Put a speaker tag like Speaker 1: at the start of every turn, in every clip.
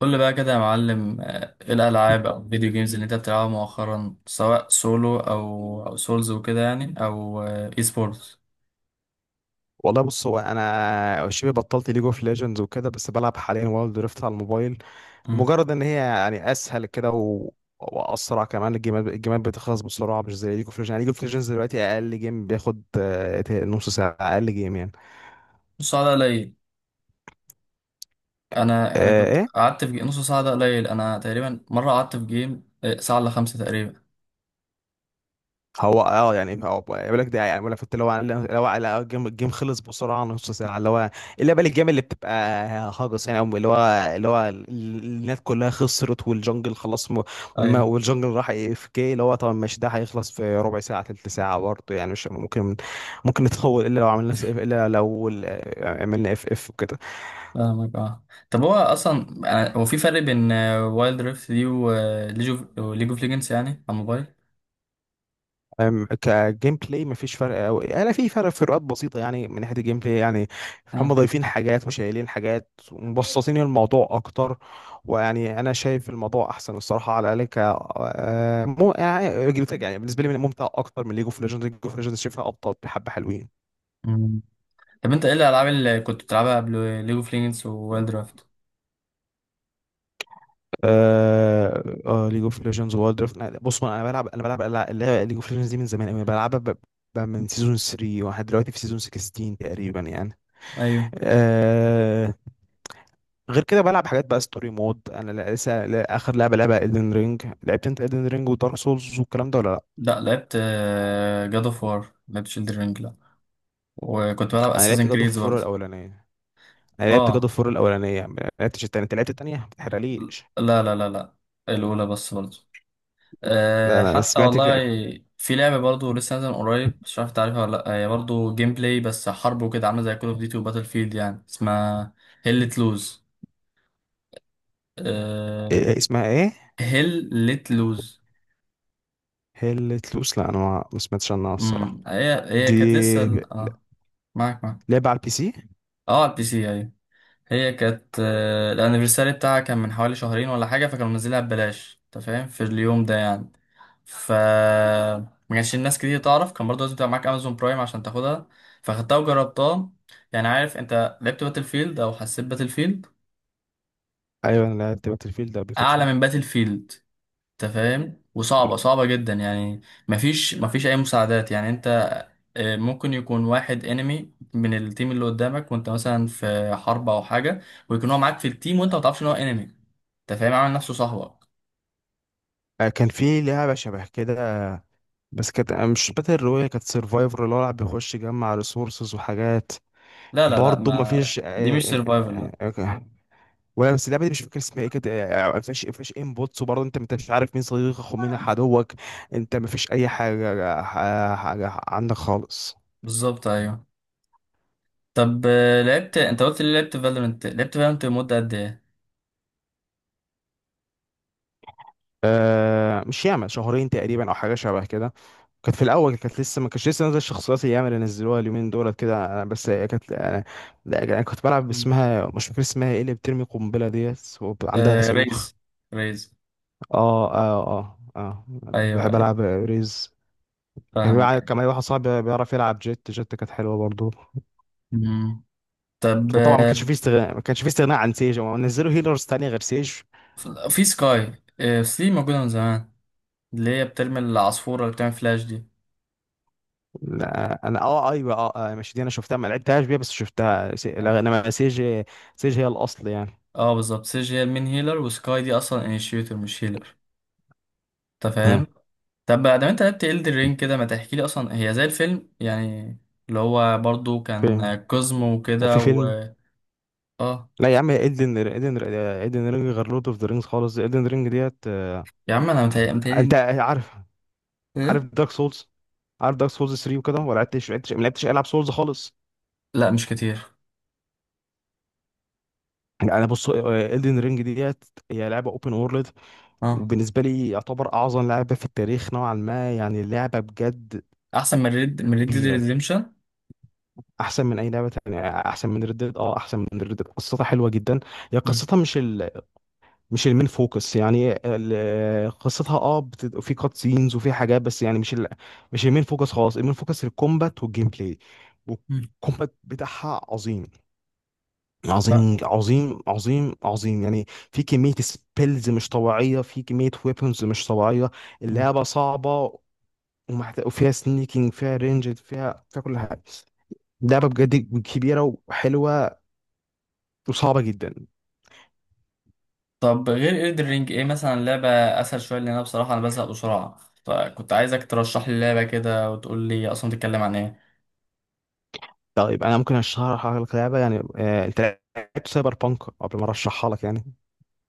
Speaker 1: قول لي بقى كده يا معلم ايه الالعاب او الفيديو جيمز اللي انت بتلعبها مؤخرا سواء سولو او سولز وكده يعني او اي سبورتس.
Speaker 2: والله، بص. هو انا شبه بطلت ليج اوف ليجندز وكده، بس بلعب حاليا وايلد دريفت على الموبايل لمجرد ان هي يعني اسهل كده واسرع كمان. الجيمات بتخلص بسرعه، مش زي ليج اوف ليجندز. يعني ليج اوف ليجندز دلوقتي اقل جيم بياخد نص ساعه، اقل جيم يعني.
Speaker 1: نص ساعه ده قليل. انا كنت
Speaker 2: إيه؟
Speaker 1: قعدت في نص ساعه ده قليل، انا تقريبا مره قعدت في جيم ساعه الا خمسه تقريبا.
Speaker 2: هو يعني، هو بيقول لك ده، يعني بيقول لك، فانت لو على الجيم خلص بسرعه، نص ساعه، اللي هو، اللي بقى الجيم اللي بتبقى هاجس يعني، أو اللي هو اللي هو ال- الناس كلها خسرت، والجنجل خلاص
Speaker 1: ايوه،
Speaker 2: والجنجل راح اي اف كي، اللي هو طبعا مش ده هيخلص في ربع ساعه. تلت ساعه برضه يعني، مش ممكن ممكن نتطور الا لو عملنا اف، عملنا اف وكده.
Speaker 1: فاهمك اه. طب هو اصلا هو في فرق بين وايلد ريفت دي وليج اوف ليج اوف ليجندز يعني على الموبايل؟
Speaker 2: كجيم بلاي مفيش فرق قوي. انا في فروقات بسيطه يعني، من ناحيه الجيم بلاي يعني. هم
Speaker 1: اه.
Speaker 2: ضايفين حاجات وشايلين حاجات ومبسطين الموضوع اكتر. ويعني انا شايف الموضوع احسن الصراحه، على الاقل ك آه، مو يعني جيم بلاي يعني، بالنسبه لي ممتع اكتر من ليج اوف ليجندز. ليج اوف ليجندز شايفها ابطال بحبه حلوين.
Speaker 1: مم. طب انت ايه الالعاب اللي كنت بتلعبها قبل ليج اوف ليجندز ووايلد ريفت؟
Speaker 2: ليج اوف ليجندز وورلد درافت. بص انا بلعب، انا بلعب ليج اوف ليجندز دي من زمان قوي، بلعبها من سيزون 3 واحد، دلوقتي في سيزون 16 تقريبا يعني.
Speaker 1: ايوه.
Speaker 2: آه، غير كده بلعب حاجات بقى ستوري مود. انا لا- لسه لا- اخر لعبه ايدن رينج. لعبت انت ايدن رينج ودارك سولز والكلام ده ولا لا؟
Speaker 1: لا لعبت، جاد اوف وار لعبت، شيلدر رينج لا، وكنت بلعب
Speaker 2: انا لعبت
Speaker 1: اساسن
Speaker 2: جاد اوف
Speaker 1: كريدز
Speaker 2: فور
Speaker 1: برضه.
Speaker 2: الاولانيه انا لعبت جاد
Speaker 1: اه.
Speaker 2: اوف فور الاولانيه، ما لعبتش التانيه. انت لعبت التانيه، ما تحرقليش.
Speaker 1: لا، الاولى بس برضه.
Speaker 2: لا،
Speaker 1: آه
Speaker 2: انا
Speaker 1: حتى
Speaker 2: سمعت
Speaker 1: والله. في لعبه برضه لسه نازله من قريب، مش عارف تعرفها ولا لا، هي برضه جيم بلاي بس حرب وكده، عامله زي كول اوف ديوتي وباتل فيلد، يعني اسمها هيل لت لوز. آه
Speaker 2: إيه، اسمها ايه؟
Speaker 1: هيل لت لوز.
Speaker 2: هيل تلوس، لا انا ما سمعتش عنها الصراحه.
Speaker 1: هي هي
Speaker 2: دي
Speaker 1: كانت لسه اه، معاك معاك.
Speaker 2: لعبه على البي سي.
Speaker 1: اه على البي سي ايوه. هي كانت الانيفرساري بتاعها كان من حوالي شهرين ولا حاجه، فكانوا منزلينها ببلاش انت فاهم في اليوم ده يعني. ف ما كانش الناس كتير تعرف، كان برضه لازم تبقى معاك امازون برايم عشان تاخدها، فاخدتها وجربتها. يعني عارف، انت لعبت باتل فيلد او حسيت باتل فيلد؟
Speaker 2: ايوه، انا لعبت باتل فيلد قبل كده.
Speaker 1: اعلى من باتل فيلد، انت فاهم، وصعبه صعبه جدا يعني. مفيش اي مساعدات، يعني انت ممكن يكون واحد انمي من التيم اللي قدامك، وانت مثلا في حرب او حاجه، ويكون هو معاك في التيم وانت ما تعرفش ان هو انمي، انت فاهم، عامل نفسه صاحبك.
Speaker 2: كان في لعبه شبه كده، بس كانت مش باتل رويال، كانت سرفايفر، اللي هو الواحد بيخش يجمع ريسورسز وحاجات.
Speaker 1: لا،
Speaker 2: برضه ما
Speaker 1: ما
Speaker 2: فيش
Speaker 1: دي مش
Speaker 2: آه،
Speaker 1: سرفايفل لا.
Speaker 2: آه، آه، ولا، بس اللعبه دي مش فاكر اسمها ايه، كانت ما فيش ما فيش انبوتس، وبرضه انت مش عارف مين صديقك ومين عدوك. انت ما فيش اي حاجه، حاجة عندك خالص.
Speaker 1: بالظبط ايوه. طب لعبت، انت قلت لي لعبت فالورنت، لعبت فالورنت لمده قد ايه؟
Speaker 2: مش ياما، شهرين تقريبا او حاجه شبه كده. كانت في الاول، كانت لسه ما كانتش لسه نازله الشخصيات الياما اللي نزلوها اليومين دولت كده. أنا بس هي كانت انا، لا، انا كنت بلعب
Speaker 1: مم.
Speaker 2: باسمها مش فاكر اسمها ايه، اللي بترمي قنبله ديت وعندها
Speaker 1: آه
Speaker 2: صاروخ.
Speaker 1: ريز. ريز.
Speaker 2: اه اه اه اه،
Speaker 1: ايوه
Speaker 2: بحب
Speaker 1: ايوه.
Speaker 2: العب ريز.
Speaker 1: فاهمك أيوة.
Speaker 2: كان معايا واحد صاحبي بيعرف يلعب جيت. جيت كانت حلوه برضه.
Speaker 1: مم. طب
Speaker 2: وطبعا ما كانش فيه استغناء عن سيج. هم نزلوا هيلرز تانية غير سيج.
Speaker 1: في سكاي في موجوده من زمان، اللي هي بترمي العصفوره اللي بتعمل فلاش دي.
Speaker 2: لا، انا اه، ايوه، اه، ماشي، دي انا شفتها، ما لعبتهاش بيها، بس شفتها لا، انما سيج. سيج هي الاصل يعني.
Speaker 1: اه بالظبط، سيج هي المين هيلر، وسكاي دي اصلا انيشيتور مش هيلر، انت
Speaker 2: مم.
Speaker 1: فاهم. طب بقى ده انت لعبت إلدر رينج كده، ما تحكي لي اصلا، هي زي الفيلم يعني اللي هو برضو
Speaker 2: فيلم،
Speaker 1: كان كوزمو وكده
Speaker 2: وفي
Speaker 1: و
Speaker 2: فيلم.
Speaker 1: اه،
Speaker 2: لا يا عم، ايدن رينج غير لورد اوف ذا رينجز خالص. ايدن رينج ديت
Speaker 1: يا عم انا متهيألي
Speaker 2: انت
Speaker 1: متهيألي
Speaker 2: عارف،
Speaker 1: ايه.
Speaker 2: دارك سولز؟ عارف دارك سولز 3 وكده ولا لعبتش؟ ما لعبتش العب سولز خالص.
Speaker 1: لا مش كتير.
Speaker 2: انا بص، ايدن رينج ديت هي لعبه اوبن وورلد،
Speaker 1: اه
Speaker 2: وبالنسبة لي يعتبر أعظم لعبة في التاريخ نوعا ما يعني. اللعبة بجد
Speaker 1: احسن من ريد، من ريد ديد
Speaker 2: كبيرة.
Speaker 1: ريديمشن؟
Speaker 2: أحسن من أي لعبة تانية، أحسن من ردد، أحسن من ردد. قصتها حلوة جدا. هي قصتها مش المين فوكس يعني. قصتها في كات سينز وفي حاجات، بس يعني مش المين فوكس خالص. المين فوكس الكومبات والجيم بلاي، والكومبات بتاعها عظيم. عظيم عظيم عظيم عظيم يعني. في كمية سبيلز مش طبيعية، في كمية ويبونز مش طبيعية. اللعبة صعبة. وفيها سنيكينج، فيها رينج، فيها كل حاجه. لعبه بجد كبيره، وحلوه، وصعبه جدا.
Speaker 1: طب غير إلدر رينج ايه مثلا لعبة اسهل شوية، لان انا بصراحة انا بزهق بسرعة، فكنت عايزك ترشح لي لعبة كده وتقول لي اصلا بتتكلم عن ايه.
Speaker 2: طيب، انا ممكن اشرح لك لعبه يعني، انت لعبت سايبر بانك قبل ما ارشحها لك يعني؟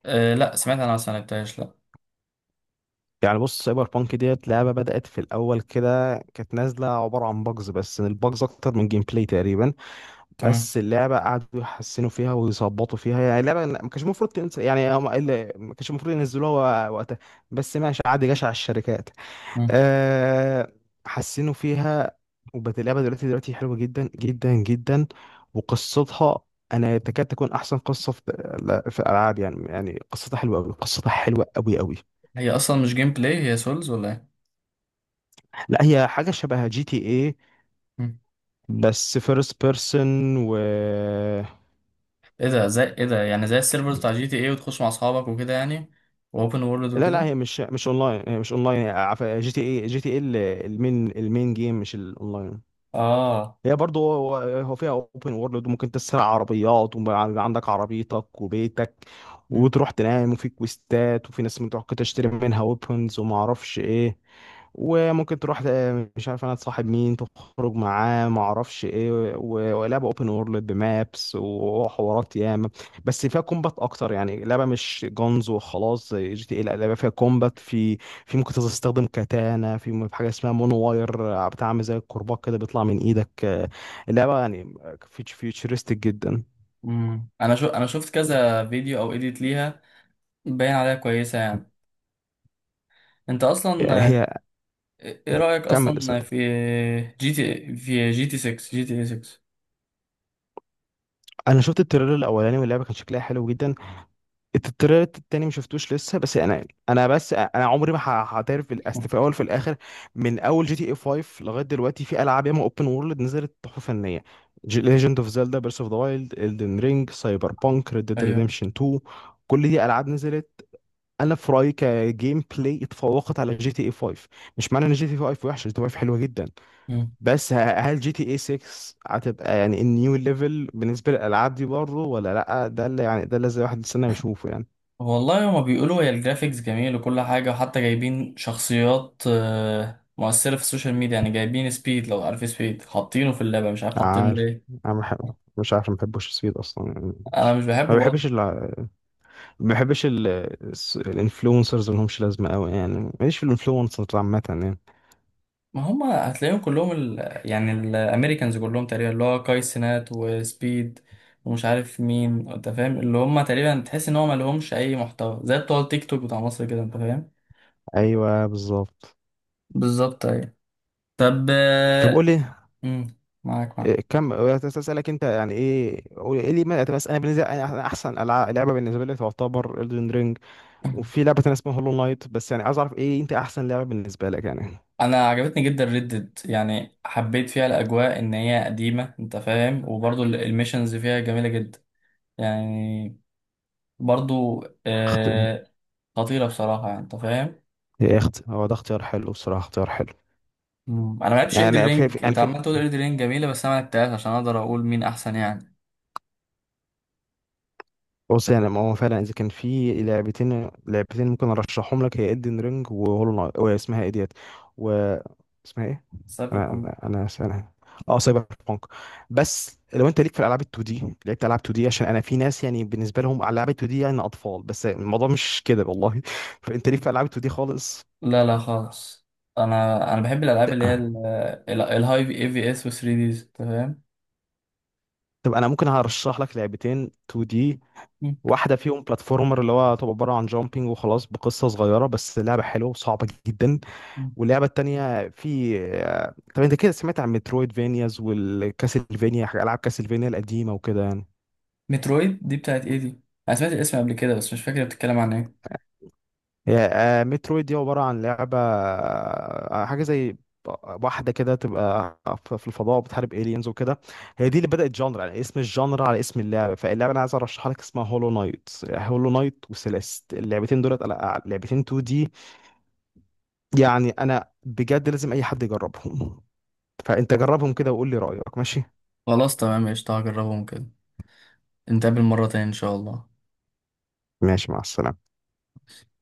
Speaker 1: أه لا سمعت انا، بس ما لعبتهاش لا.
Speaker 2: يعني بص، سايبر بانك ديت لعبه بدات في الاول كده، كانت نازله عباره عن باجز، بس الباجز اكتر من جيم بلاي تقريبا.
Speaker 1: تمام.
Speaker 2: بس اللعبه قعدوا يحسنوا فيها ويظبطوا فيها. يعني اللعبه ما كانش المفروض تنزل يعني، ما كانش المفروض ينزلوها وقتها. بس ماشي، عادي، جشع الشركات.
Speaker 1: مم.
Speaker 2: أه، حسنوا فيها، وبقت اللعبة دلوقتي، حلوة جدا جدا جدا. وقصتها أنا تكاد تكون أحسن قصة في، لا، في الألعاب يعني. قصتها حلوة أوي، قصتها حلوة أوي أوي.
Speaker 1: هي اصلا مش جيم بلاي، هي سولز ولا ايه؟
Speaker 2: لا، هي حاجة شبه جي تي إيه،
Speaker 1: مم.
Speaker 2: بس فيرست بيرسون و...
Speaker 1: ايه ده زي ايه ده؟ يعني زي السيرفرز بتاع جي تي ايه، وتخش مع اصحابك وكده يعني، واوبن وورلد
Speaker 2: لا،
Speaker 1: وكده.
Speaker 2: هي مش اونلاين، هي مش اونلاين. جي تي اي، المين، جيم مش الاونلاين.
Speaker 1: اه.
Speaker 2: هي برضه، هو فيها اوبن وورلد، وممكن تسرق عربيات ويبقى عندك عربيتك وبيتك،
Speaker 1: مم.
Speaker 2: وتروح تنام، وفي كويستات، وفي ناس ممكن تروح تشتري منها ويبونز وما اعرفش ايه، وممكن تروح مش عارف انا، تصاحب مين، تخرج معاه ما اعرفش ايه، ولعبه اوبن وورلد بمابس وحوارات ياما. بس فيها كومبات اكتر، يعني لعبه مش جونز وخلاص زي جي تي اي. لا لعبه فيها كومبات. في، في ممكن تستخدم كاتانا في في حاجه اسمها مونو واير، بتعمل زي الكرباج كده، بيطلع من ايدك اللعبه يعني فيوتشرستيك جدا.
Speaker 1: مم. انا شو، انا شفت كذا فيديو او اديت ليها، باين عليها كويسه يعني. انت اصلا
Speaker 2: هي،
Speaker 1: ايه رايك
Speaker 2: كمل اسال.
Speaker 1: اصلا في جي تي، في جي تي 6، جي تي اي 6؟
Speaker 2: انا شفت التريلر الاولاني واللعبه كان شكلها حلو جدا. التريلر التاني ما شفتوش لسه. بس انا بس انا عمري ما هعترف. في الاصل، في الاول، في الاخر، من اول جي تي اي 5 لغايه دلوقتي في العاب ياما اوبن وورلد نزلت تحفه فنيه: ليجند اوف زيلدا، بيرس اوف ذا وايلد، الدن رينج، سايبر بانك، ريد ديد
Speaker 1: ايوه.
Speaker 2: ريديمشن 2. كل دي العاب نزلت، انا في رايي كجيم بلاي اتفوقت على جي تي اي 5. مش معنى ان جي تي اي 5 وحشه، جي تي اي 5 حلوه جدا،
Speaker 1: مم.
Speaker 2: بس هل جي تي اي 6 هتبقى يعني النيو ليفل بالنسبه للالعاب دي برضه ولا لا؟ ده اللي يعني، ده اللي زي واحد يستنى يشوفه يعني.
Speaker 1: والله هما بيقولوا هي الجرافيكس جميل وكل حاجة، وحتى جايبين شخصيات مؤثرة في السوشيال ميديا، يعني جايبين سبيد، لو عارف سبيد، حاطينه في اللعبة مش عارف حاطينه
Speaker 2: عارف،
Speaker 1: ليه.
Speaker 2: انا بحب، مش عارف، ما بحبوش السويد اصلا يعني.
Speaker 1: أنا
Speaker 2: مش...
Speaker 1: مش بحبه
Speaker 2: ما بحبش
Speaker 1: برضه.
Speaker 2: ال... ما بحبش الانفلونسرز ما لهمش لازمه قوي يعني، ماليش في الانفلونسرز عامه يعني.
Speaker 1: ما هما هتلاقيهم كلهم ال... يعني الأمريكانز كلهم تقريبا، اللي هو كاي سينات وسبيد ومش عارف مين، أنت فاهم، اللي هما تقريبا تحس إن هما مالهمش أي محتوى، زي بتوع التيك توك بتاع مصر كده، أنت فاهم.
Speaker 2: ايوه، بالظبط.
Speaker 1: بالظبط أيوة. طب
Speaker 2: طب قول لي،
Speaker 1: مم، معاك
Speaker 2: إيه
Speaker 1: معاك.
Speaker 2: كم اسالك انت يعني، ايه قول ايه لي ما... بس انا بالنسبه، أنا احسن لعبه بالنسبه لي تعتبر Elden Ring، وفي لعبه تانيه اسمها هولو نايت. بس يعني عايز اعرف ايه انت احسن لعبه بالنسبه لك يعني؟
Speaker 1: انا عجبتني جدا ردد، يعني حبيت فيها الاجواء ان هي قديمه، انت فاهم، وبرضو الميشنز فيها جميله جدا يعني، برضو
Speaker 2: اخت
Speaker 1: آه، خطيره بصراحه يعني، انت فاهم.
Speaker 2: ايه اخت هو ده اختيار حلو، بصراحه اختيار حلو.
Speaker 1: مم. انا ما لعبتش اندر
Speaker 2: يعني
Speaker 1: رينج،
Speaker 2: يعني
Speaker 1: انت عمال تقول اندر رينج جميله، بس انا ما لعبتهاش عشان اقدر اقول مين احسن يعني.
Speaker 2: بص، يعني ما هو فعلا اذا كان في لعبتين، ممكن ارشحهم لك، هي ادن رينج وهولو نايت واسمها ايه ديت، و... اسمها ايه؟
Speaker 1: سايبر
Speaker 2: انا
Speaker 1: بانك.
Speaker 2: انا انا أنا- اه، سايبر بانك. بس لو انت ليك في الالعاب ال 2 دي، لعبت العاب 2 دي؟ عشان انا في ناس يعني بالنسبه لهم العاب ال 2 دي يعني اطفال، بس الموضوع مش كده والله فانت ليك في العاب 2 دي خالص؟
Speaker 1: لا لا خالص. انا بحب الالعاب اللي هي الهاي في اي في اس و 3 ديز، انت فاهم.
Speaker 2: طب انا ممكن هرشح لك لعبتين 2 دي.
Speaker 1: مم.
Speaker 2: واحده فيهم بلاتفورمر، اللي هو تبقى عباره عن جامبينج وخلاص بقصه صغيره، بس لعبه حلوه وصعبه جدا.
Speaker 1: مم.
Speaker 2: واللعبه التانيه في طب انت كده سمعت عن مترويد فينياز والكاسلفينيا، العاب كاسلفينيا القديمه وكده يعني؟
Speaker 1: مترويد دي بتاعت ايه دي؟ انا سمعت الاسم قبل كده بس مش فاكر بتتكلم عن ايه.
Speaker 2: هي مترويد دي عباره عن لعبه حاجه زي واحده كده تبقى في الفضاء، بتحارب الينز وكده. هي دي اللي بدات جانر، يعني اسم الجانر على اسم اللعبه. فاللعبه انا عايز ارشحها لك اسمها هولو نايت. هولو نايت وسيليست، اللعبتين دولت لعبتين 2 دي. يعني انا بجد لازم اي حد يجربهم فانت جربهم كده وقول لي رايك. ماشي؟
Speaker 1: خلاص تمام قشطة، هجربهم كده. نتقابل مرة تاني إن شاء الله.
Speaker 2: ماشي، مع السلامه.